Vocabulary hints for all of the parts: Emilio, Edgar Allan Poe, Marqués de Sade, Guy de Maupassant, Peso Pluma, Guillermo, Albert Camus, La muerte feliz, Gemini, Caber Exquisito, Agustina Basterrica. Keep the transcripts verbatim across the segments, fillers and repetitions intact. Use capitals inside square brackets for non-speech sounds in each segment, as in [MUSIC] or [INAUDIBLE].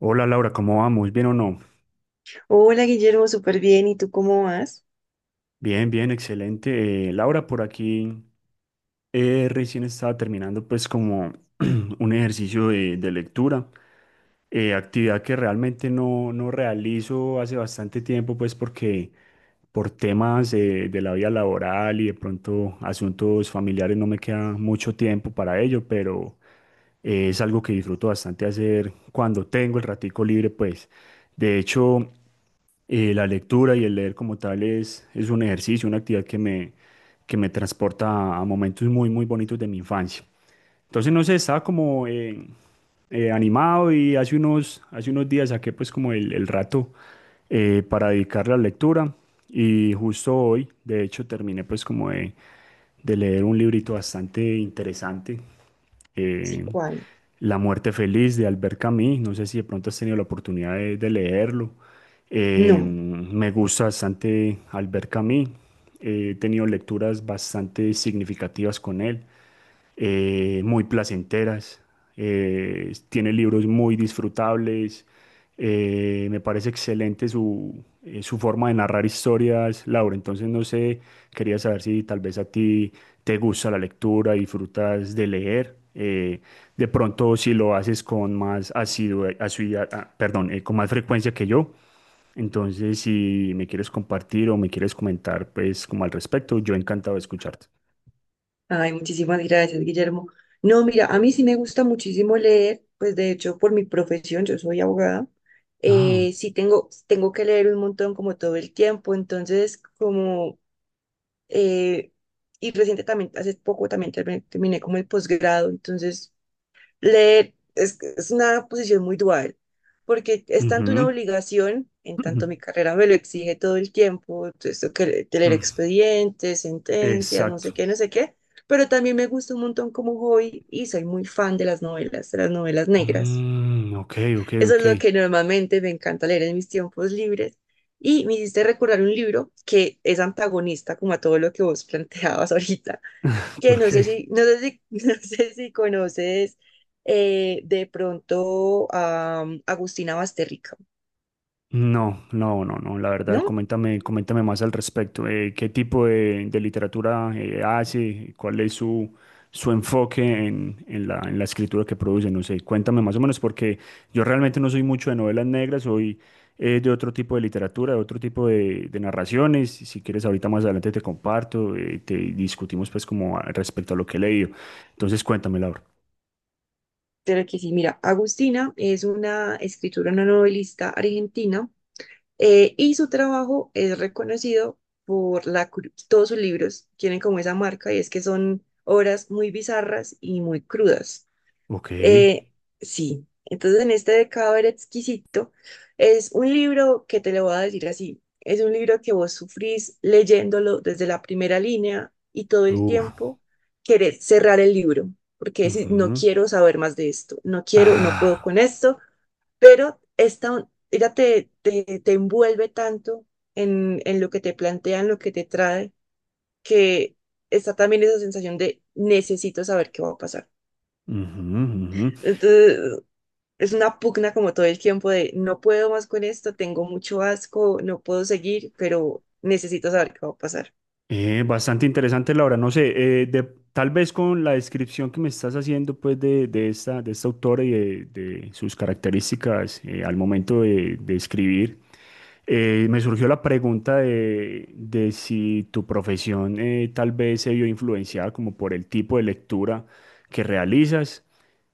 Hola Laura, ¿cómo vamos? ¿Bien o no? Hola Guillermo, súper bien. ¿Y tú cómo vas? Bien, bien, excelente. Eh, Laura, por aquí. Eh, recién estaba terminando pues como [CLEARS THROAT] un ejercicio de, de lectura, eh, actividad que realmente no, no realizo hace bastante tiempo pues porque por temas eh, de la vida laboral y de pronto asuntos familiares no me queda mucho tiempo para ello, pero eh, es algo que disfruto bastante hacer cuando tengo el ratico libre pues. De hecho, eh, la lectura y el leer como tal es, es un ejercicio, una actividad que me, que me transporta a momentos muy, muy bonitos de mi infancia. Entonces, no sé, estaba como eh, eh, animado y hace unos, hace unos días saqué pues como el, el rato eh, para dedicarle a la lectura y justo hoy, de hecho, terminé pues como de, de leer un librito bastante interesante, Sí, eh, ¿cuál? La muerte feliz de Albert Camus. No sé si de pronto has tenido la oportunidad de, de leerlo. Eh, No. Me gusta bastante Albert Camus. Eh, he tenido lecturas bastante significativas con él, eh, muy placenteras. Eh, tiene libros muy disfrutables. Eh, me parece excelente su, eh, su forma de narrar historias, Laura. Entonces, no sé, quería saber si tal vez a ti te gusta la lectura, disfrutas de leer. eh, de pronto, si lo haces con más asidua- asiduidad. Ah, ah, perdón, eh, con más frecuencia que yo. Entonces, si me quieres compartir o me quieres comentar, pues como al respecto, yo encantado de escucharte. Ay, muchísimas gracias, Guillermo. No, mira, a mí sí me gusta muchísimo leer, pues de hecho por mi profesión, yo soy abogada, Ah, eh, sí tengo, tengo que leer un montón como todo el tiempo, entonces como, eh, y reciente también, hace poco también terminé, terminé como el posgrado, entonces leer es, es una posición muy dual, porque es tanto una ujú. obligación, en [LAUGHS] Ujú. tanto mi carrera me lo exige todo el tiempo, esto que le- de leer Mm, expedientes, sentencias, no sé exacto. qué, no sé qué, pero también me gusta un montón como hobby y soy muy fan de las novelas, de las novelas negras. Mm, ok, ok, Eso es ok. lo que normalmente me encanta leer en mis tiempos libres. Y me hiciste recordar un libro que es antagonista como a todo lo que vos [LAUGHS] planteabas ahorita [LAUGHS] que no sé Porque si, no sé si, [LAUGHS] no sé si conoces eh, de pronto a um, Agustina Basterrica, no, no, no, no. La verdad, ¿no? coméntame, coméntame más al respecto. Eh, ¿qué tipo de, de literatura eh, hace? ¿Cuál es su, su enfoque en, en la, en la escritura que produce? No sé, cuéntame más o menos, porque yo realmente no soy mucho de novelas negras, soy eh, de otro tipo de literatura, de otro tipo de, de narraciones. Si si quieres, ahorita más adelante te comparto, eh, te discutimos pues como a- respecto a lo que he leído. Entonces, cuéntame, Laura. Pero que sí, mira, Agustina es una escritora, una novelista argentina eh, y su trabajo es reconocido por la, cru- todos sus libros tienen como esa marca y es que son obras muy bizarras y muy crudas. Ok. Eh, sí, entonces en este de Caber Exquisito es un libro que te lo voy a decir así, es un libro que vos sufrís leyéndolo desde la primera línea y todo el Uf. tiempo querés cerrar el libro, porque decís, no Ujú. quiero saber más de esto, no quiero, no puedo Ah. con esto, pero esta, ella te, te, te envuelve tanto en, en lo que te plantea, en lo que te trae, que está también esa sensación de necesito saber qué va a pasar. Ujú, ujú. Entonces, es una pugna como todo el tiempo de no puedo más con esto, tengo mucho asco, no puedo seguir, pero necesito saber qué va a pasar. Eh, bastante interesante, Laura. No sé, eh, de- tal vez con la descripción que me estás haciendo, pues, de, de esta, de esta autora y de, de sus características, eh, al momento de, de escribir. Eh, me surgió la pregunta de, de si tu profesión eh, tal vez se vio influenciada como por el tipo de lectura que realizas,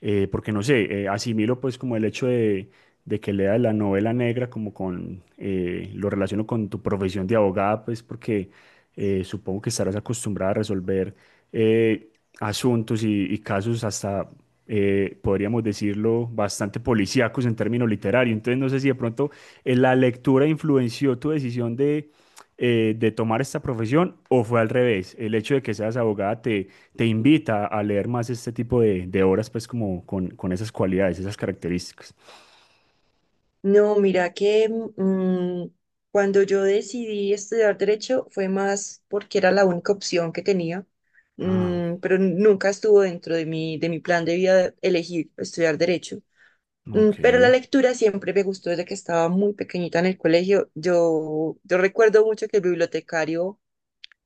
eh, porque no sé, eh, asimilo pues como el hecho de, de que leas la novela negra como con, eh, lo relaciono con tu profesión de abogada, pues porque eh, supongo que estarás acostumbrada a resolver eh, asuntos y, y casos hasta eh, podríamos decirlo bastante policíacos en términos literarios. Entonces, no sé si de pronto, eh, ¿la lectura influenció tu decisión de, eh, de tomar esta profesión o fue al revés? El hecho de que seas abogada te, te invita a leer más este tipo de, de obras, pues como con, con esas cualidades, esas características. No, mira que mm, cuando yo decidí estudiar derecho fue más porque era la única opción que tenía, Ah, mm, pero nunca estuvo dentro de mi, de mi plan de vida elegir estudiar derecho. Mm, ok. Pero la lectura siempre me gustó desde que estaba muy pequeñita en el colegio. Yo, yo recuerdo mucho que el bibliotecario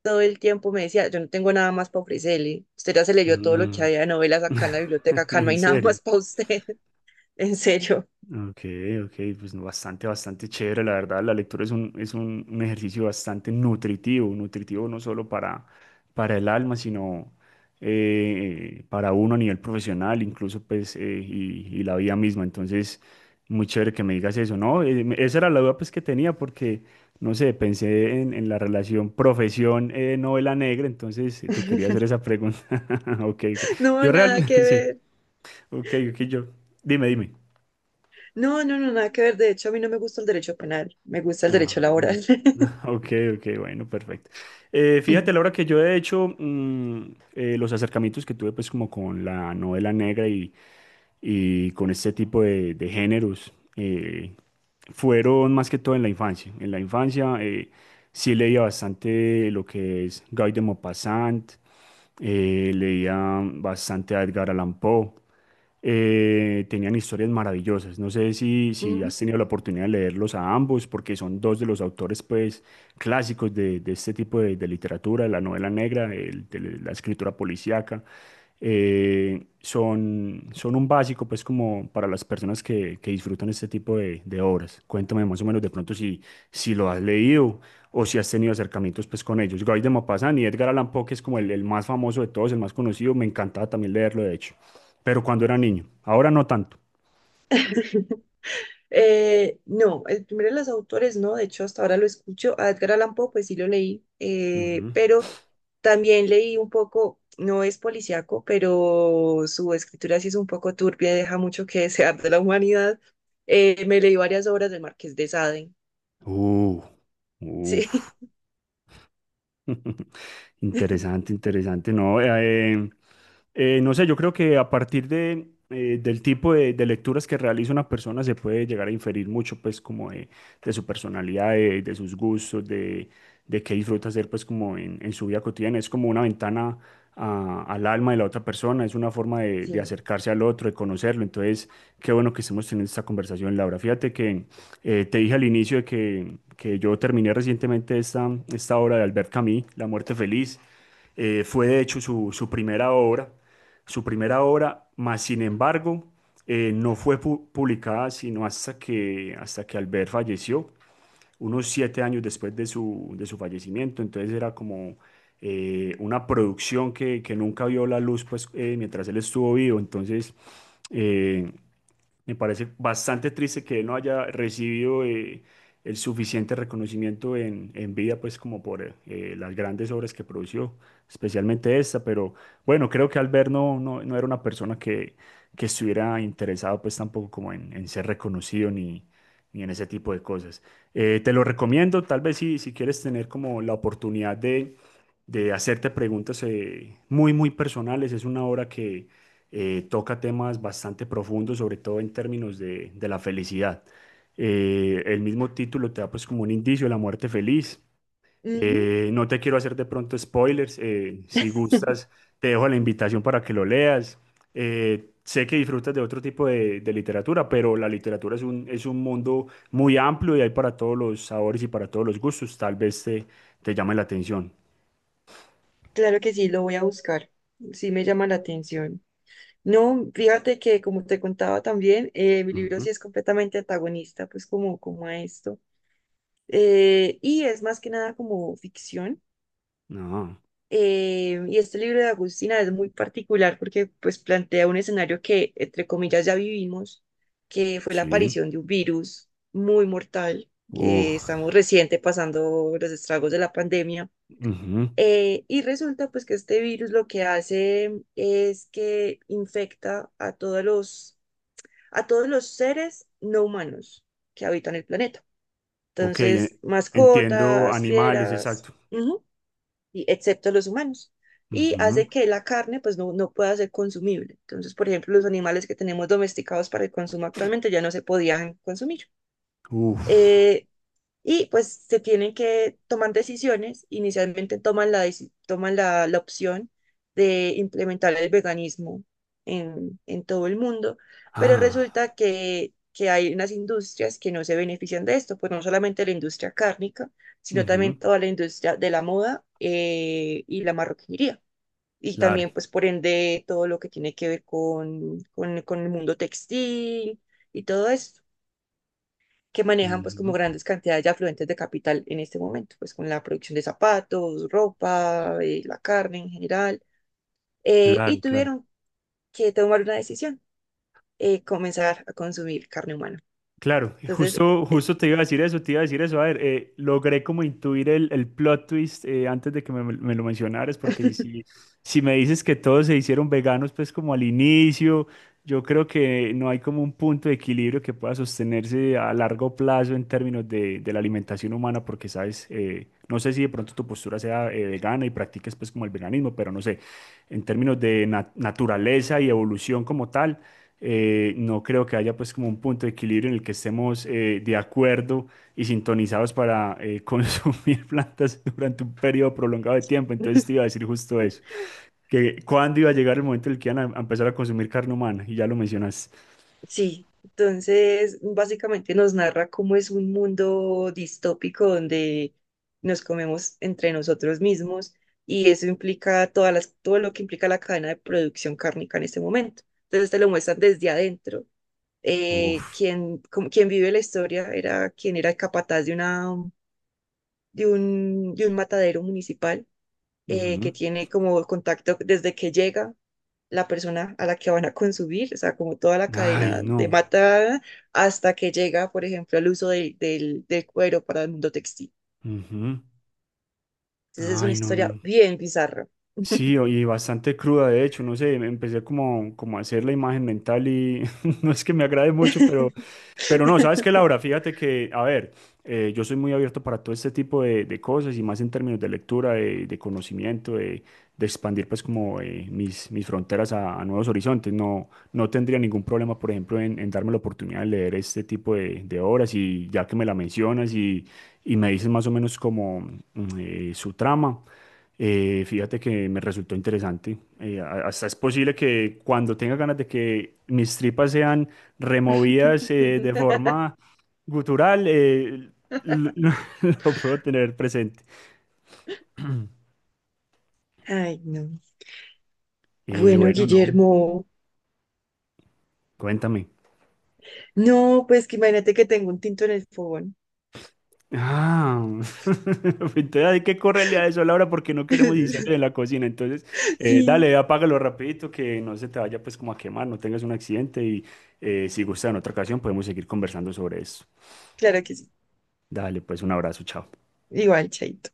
todo el tiempo me decía, yo no tengo nada más para ofrecerle. Usted ya se leyó todo lo que Mm. había de novelas acá en la biblioteca, [LAUGHS] acá no En hay nada serio. más para usted. [LAUGHS] En serio. Ok, ok, pues no, bastante, bastante chévere, la verdad. La lectura es un, es un, un ejercicio bastante nutritivo, nutritivo no solo para, para el alma, sino eh, para uno a nivel profesional, incluso pues, eh, y, y la vida misma. Entonces, muy chévere que me digas eso, ¿no? Eh, me- esa era la duda pues que tenía porque, no sé, pensé en, en la relación profesión, eh, novela negra, entonces eh, te quería hacer [LAUGHS] esa pregunta. [LAUGHS] Ok, ok. No, Yo nada realmente, [LAUGHS] que sí, ver. ok, ok, yo, dime, dime. No, no, no, nada que ver. De hecho, a mí no me gusta el derecho penal, me gusta el Ah, derecho mm. laboral. [LAUGHS] Ok, ok, bueno, perfecto. Eh, fíjate, [LAUGHS] Laura, que yo he hecho mm, eh, los acercamientos que tuve pues como con la novela negra y, y con este tipo de, de géneros eh, fueron más que todo en la infancia. En la infancia, eh, sí leía bastante lo que es Guy de Maupassant, eh, leía bastante a Edgar Allan Poe, eh, tenían historias maravillosas. No sé si, si Ujú. has tenido la oportunidad de leerlos a ambos, porque son dos de los autores pues, clásicos de, de este tipo de, de literatura, de la novela negra, el- de la escritura policíaca. Eh, son, son un básico pues como para las personas que, que disfrutan este tipo de, de obras. Cuéntame más o menos de pronto si, si lo has leído o si has tenido acercamientos pues con ellos. Guy de Maupassant y Edgar Allan Poe, que es como el, el más famoso de todos, el más conocido, me encantaba también leerlo de hecho pero cuando era niño. Ahora no tanto. Eh, no, el primero de los autores, no, de hecho hasta ahora lo escucho, a Edgar Allan Poe, pues sí lo leí, eh, Ujú. pero también leí un poco, no es policíaco, pero su escritura sí es un poco turbia y deja mucho que desear de la humanidad. Eh, me leí varias obras del Marqués de Sade, Uh, uf. sí, [LAUGHS] Interesante, interesante. No, eh, Eh, no sé. Yo creo que a partir de, eh, del tipo de, de lecturas que realiza una persona se puede llegar a inferir mucho, pues, como de, de su personalidad, de, de sus gustos, de, de qué disfruta hacer, pues, como en, en su vida cotidiana. Es como una ventana a- al alma de la otra persona, es una forma de, [LAUGHS] de sí. acercarse al otro, de conocerlo. Entonces, qué bueno que estemos teniendo esta conversación, Laura. Fíjate que eh, te dije al inicio de que, que yo terminé recientemente esta, esta obra de Albert Camus, La muerte feliz. Eh, fue de hecho su, su primera obra, su primera obra, mas sin embargo, eh, no fue pu- publicada sino hasta que, hasta que Albert falleció, unos siete años después de su, de su fallecimiento. Entonces era como eh, una producción que, que nunca vio la luz pues, eh, mientras él estuvo vivo. Entonces, eh, me parece bastante triste que él no haya recibido eh, el suficiente reconocimiento en, en vida, pues como por eh, las grandes obras que produjo, especialmente esta, pero bueno, creo que Albert no, no, no era una persona que, que estuviera interesado pues tampoco como en, en ser reconocido ni, ni en ese tipo de cosas. Eh, te lo recomiendo. Tal vez si, si quieres tener como la oportunidad de, de hacerte preguntas eh, muy, muy personales, es una obra que eh, toca temas bastante profundos, sobre todo en términos de, de la felicidad. Eh, el mismo título te da pues como un indicio de la muerte feliz. Ujú, Eh, no te quiero hacer de pronto spoilers. Eh, si gustas, te dejo la invitación para que lo leas. Eh, sé que disfrutas de otro tipo de, de literatura, pero la literatura es un, es un mundo muy amplio y hay para todos los sabores y para todos los gustos. Tal vez te, te llame la atención. claro que sí, lo voy a buscar, sí me llama la atención. No, fíjate que como te contaba también, eh, mi libro Ujú. sí es completamente antagonista, pues como, como a esto. Eh, y es más que nada como ficción. No, Eh, y este libro de Agustina es muy particular porque pues plantea un escenario que, entre comillas, ya vivimos, que fue la sí. aparición de un virus muy mortal, que Uf. estamos reciente pasando los estragos de la pandemia. Ujú. Eh, y resulta pues que este virus lo que hace es que infecta a todos los a todos los seres no humanos que habitan el planeta. Ok, Entonces, e- entiendo, mascotas, animales, fieras, exacto. ujú, y excepto los humanos. Y Ujú. hace que la carne pues no, no pueda ser consumible. Entonces, por ejemplo, los animales que tenemos domesticados para el consumo actualmente ya no se podían consumir. Uf. Eh, y pues se tienen que tomar decisiones. Inicialmente toman la, deci- toman la, la opción de implementar el veganismo en, en todo el mundo, pero Ah. resulta que, que hay unas industrias que no se benefician de esto, pues no solamente la industria cárnica, sino Ujú. también toda la industria de la moda eh, y la marroquinería. Y Claro. también, pues por ende, todo lo que tiene que ver con, con, con el mundo textil y todo eso que manejan pues como Ujú. grandes cantidades de afluentes de capital en este momento, pues con la producción de zapatos, ropa, eh, la carne en general, eh, Claro, y claro. tuvieron que tomar una decisión, eh, comenzar a consumir carne humana. Claro, Entonces, justo, eh, justo te iba a decir eso, te iba a decir eso. A ver, eh, logré como intuir el, el plot twist eh, antes de que me, me lo mencionaras, porque si, si me dices que todos se hicieron veganos, pues como al inicio, yo creo que no hay como un punto de equilibrio que pueda sostenerse a largo plazo en términos de, de la alimentación humana, porque sabes, eh, no sé si de pronto tu postura sea eh, vegana y practiques pues como el veganismo, pero no sé, en términos de na- naturaleza y evolución como tal, eh, no creo que haya pues como un punto de equilibrio en el que estemos, eh, de acuerdo y sintonizados para eh, [LAUGHS] consumir plantas durante un periodo prolongado de tiempo. Entonces te iba a [LAUGHS] decir justo eso, que cuándo iba a llegar el momento en el que iban a, a empezar a consumir carne humana, y ya lo mencionas. sí, entonces básicamente nos narra cómo es un mundo distópico donde nos comemos entre nosotros mismos y eso implica todas las, todo lo que implica la cadena de producción cárnica en este momento. Entonces te lo muestran desde adentro eh, Uf. quien, como- quien vive la historia era quien era el capataz de, una, de, un, de un matadero municipal eh, que Ujú. tiene como contacto desde que llega la persona a la que van a consumir, o sea, como toda la cadena Ay, de no. mata hasta que llega, por ejemplo, al uso del, del, del cuero para el mundo textil. Ujú. Entonces es una Ay, no, historia no. bien bizarra. Sí, o- y bastante cruda, de hecho, no sé, me empecé como, como a hacer la imagen mental y [LAUGHS] no es que me agrade mucho. Pero no, sabes que, Laura, [LAUGHS] fíjate que, a ver, eh, yo soy muy abierto para todo este tipo de, de cosas y más en términos de lectura, de, de conocimiento, de, de expandir pues como eh, mis, mis fronteras a, a nuevos horizontes. No, no tendría ningún problema, por ejemplo, en, en darme la oportunidad de leer este tipo de, de obras y ya que me la mencionas y, y me dices más o menos como mm, eh, su trama. Eh, fíjate que me resultó interesante. Eh, a- hasta es posible que cuando tenga ganas de que mis tripas sean removidas, eh, de forma gutural, eh, lo, [LAUGHS] lo puedo tener presente. Ay, no. Eh, Bueno, Bueno, no, Guillermo, cuéntame. no, pues que imagínate que tengo un tinto en el fogón. Ah, [LAUGHS] entonces hay que correrle a eso, Laura, porque no queremos incendios en [LAUGHS] la cocina. Entonces, [LAUGHS] eh, Sí, dale, apágalo rapidito, que no se te vaya pues como a quemar, no tengas un accidente y eh, si gusta, en otra ocasión podemos seguir conversando sobre eso. claro que sí. Dale, pues un abrazo, chao. Igual, chaito.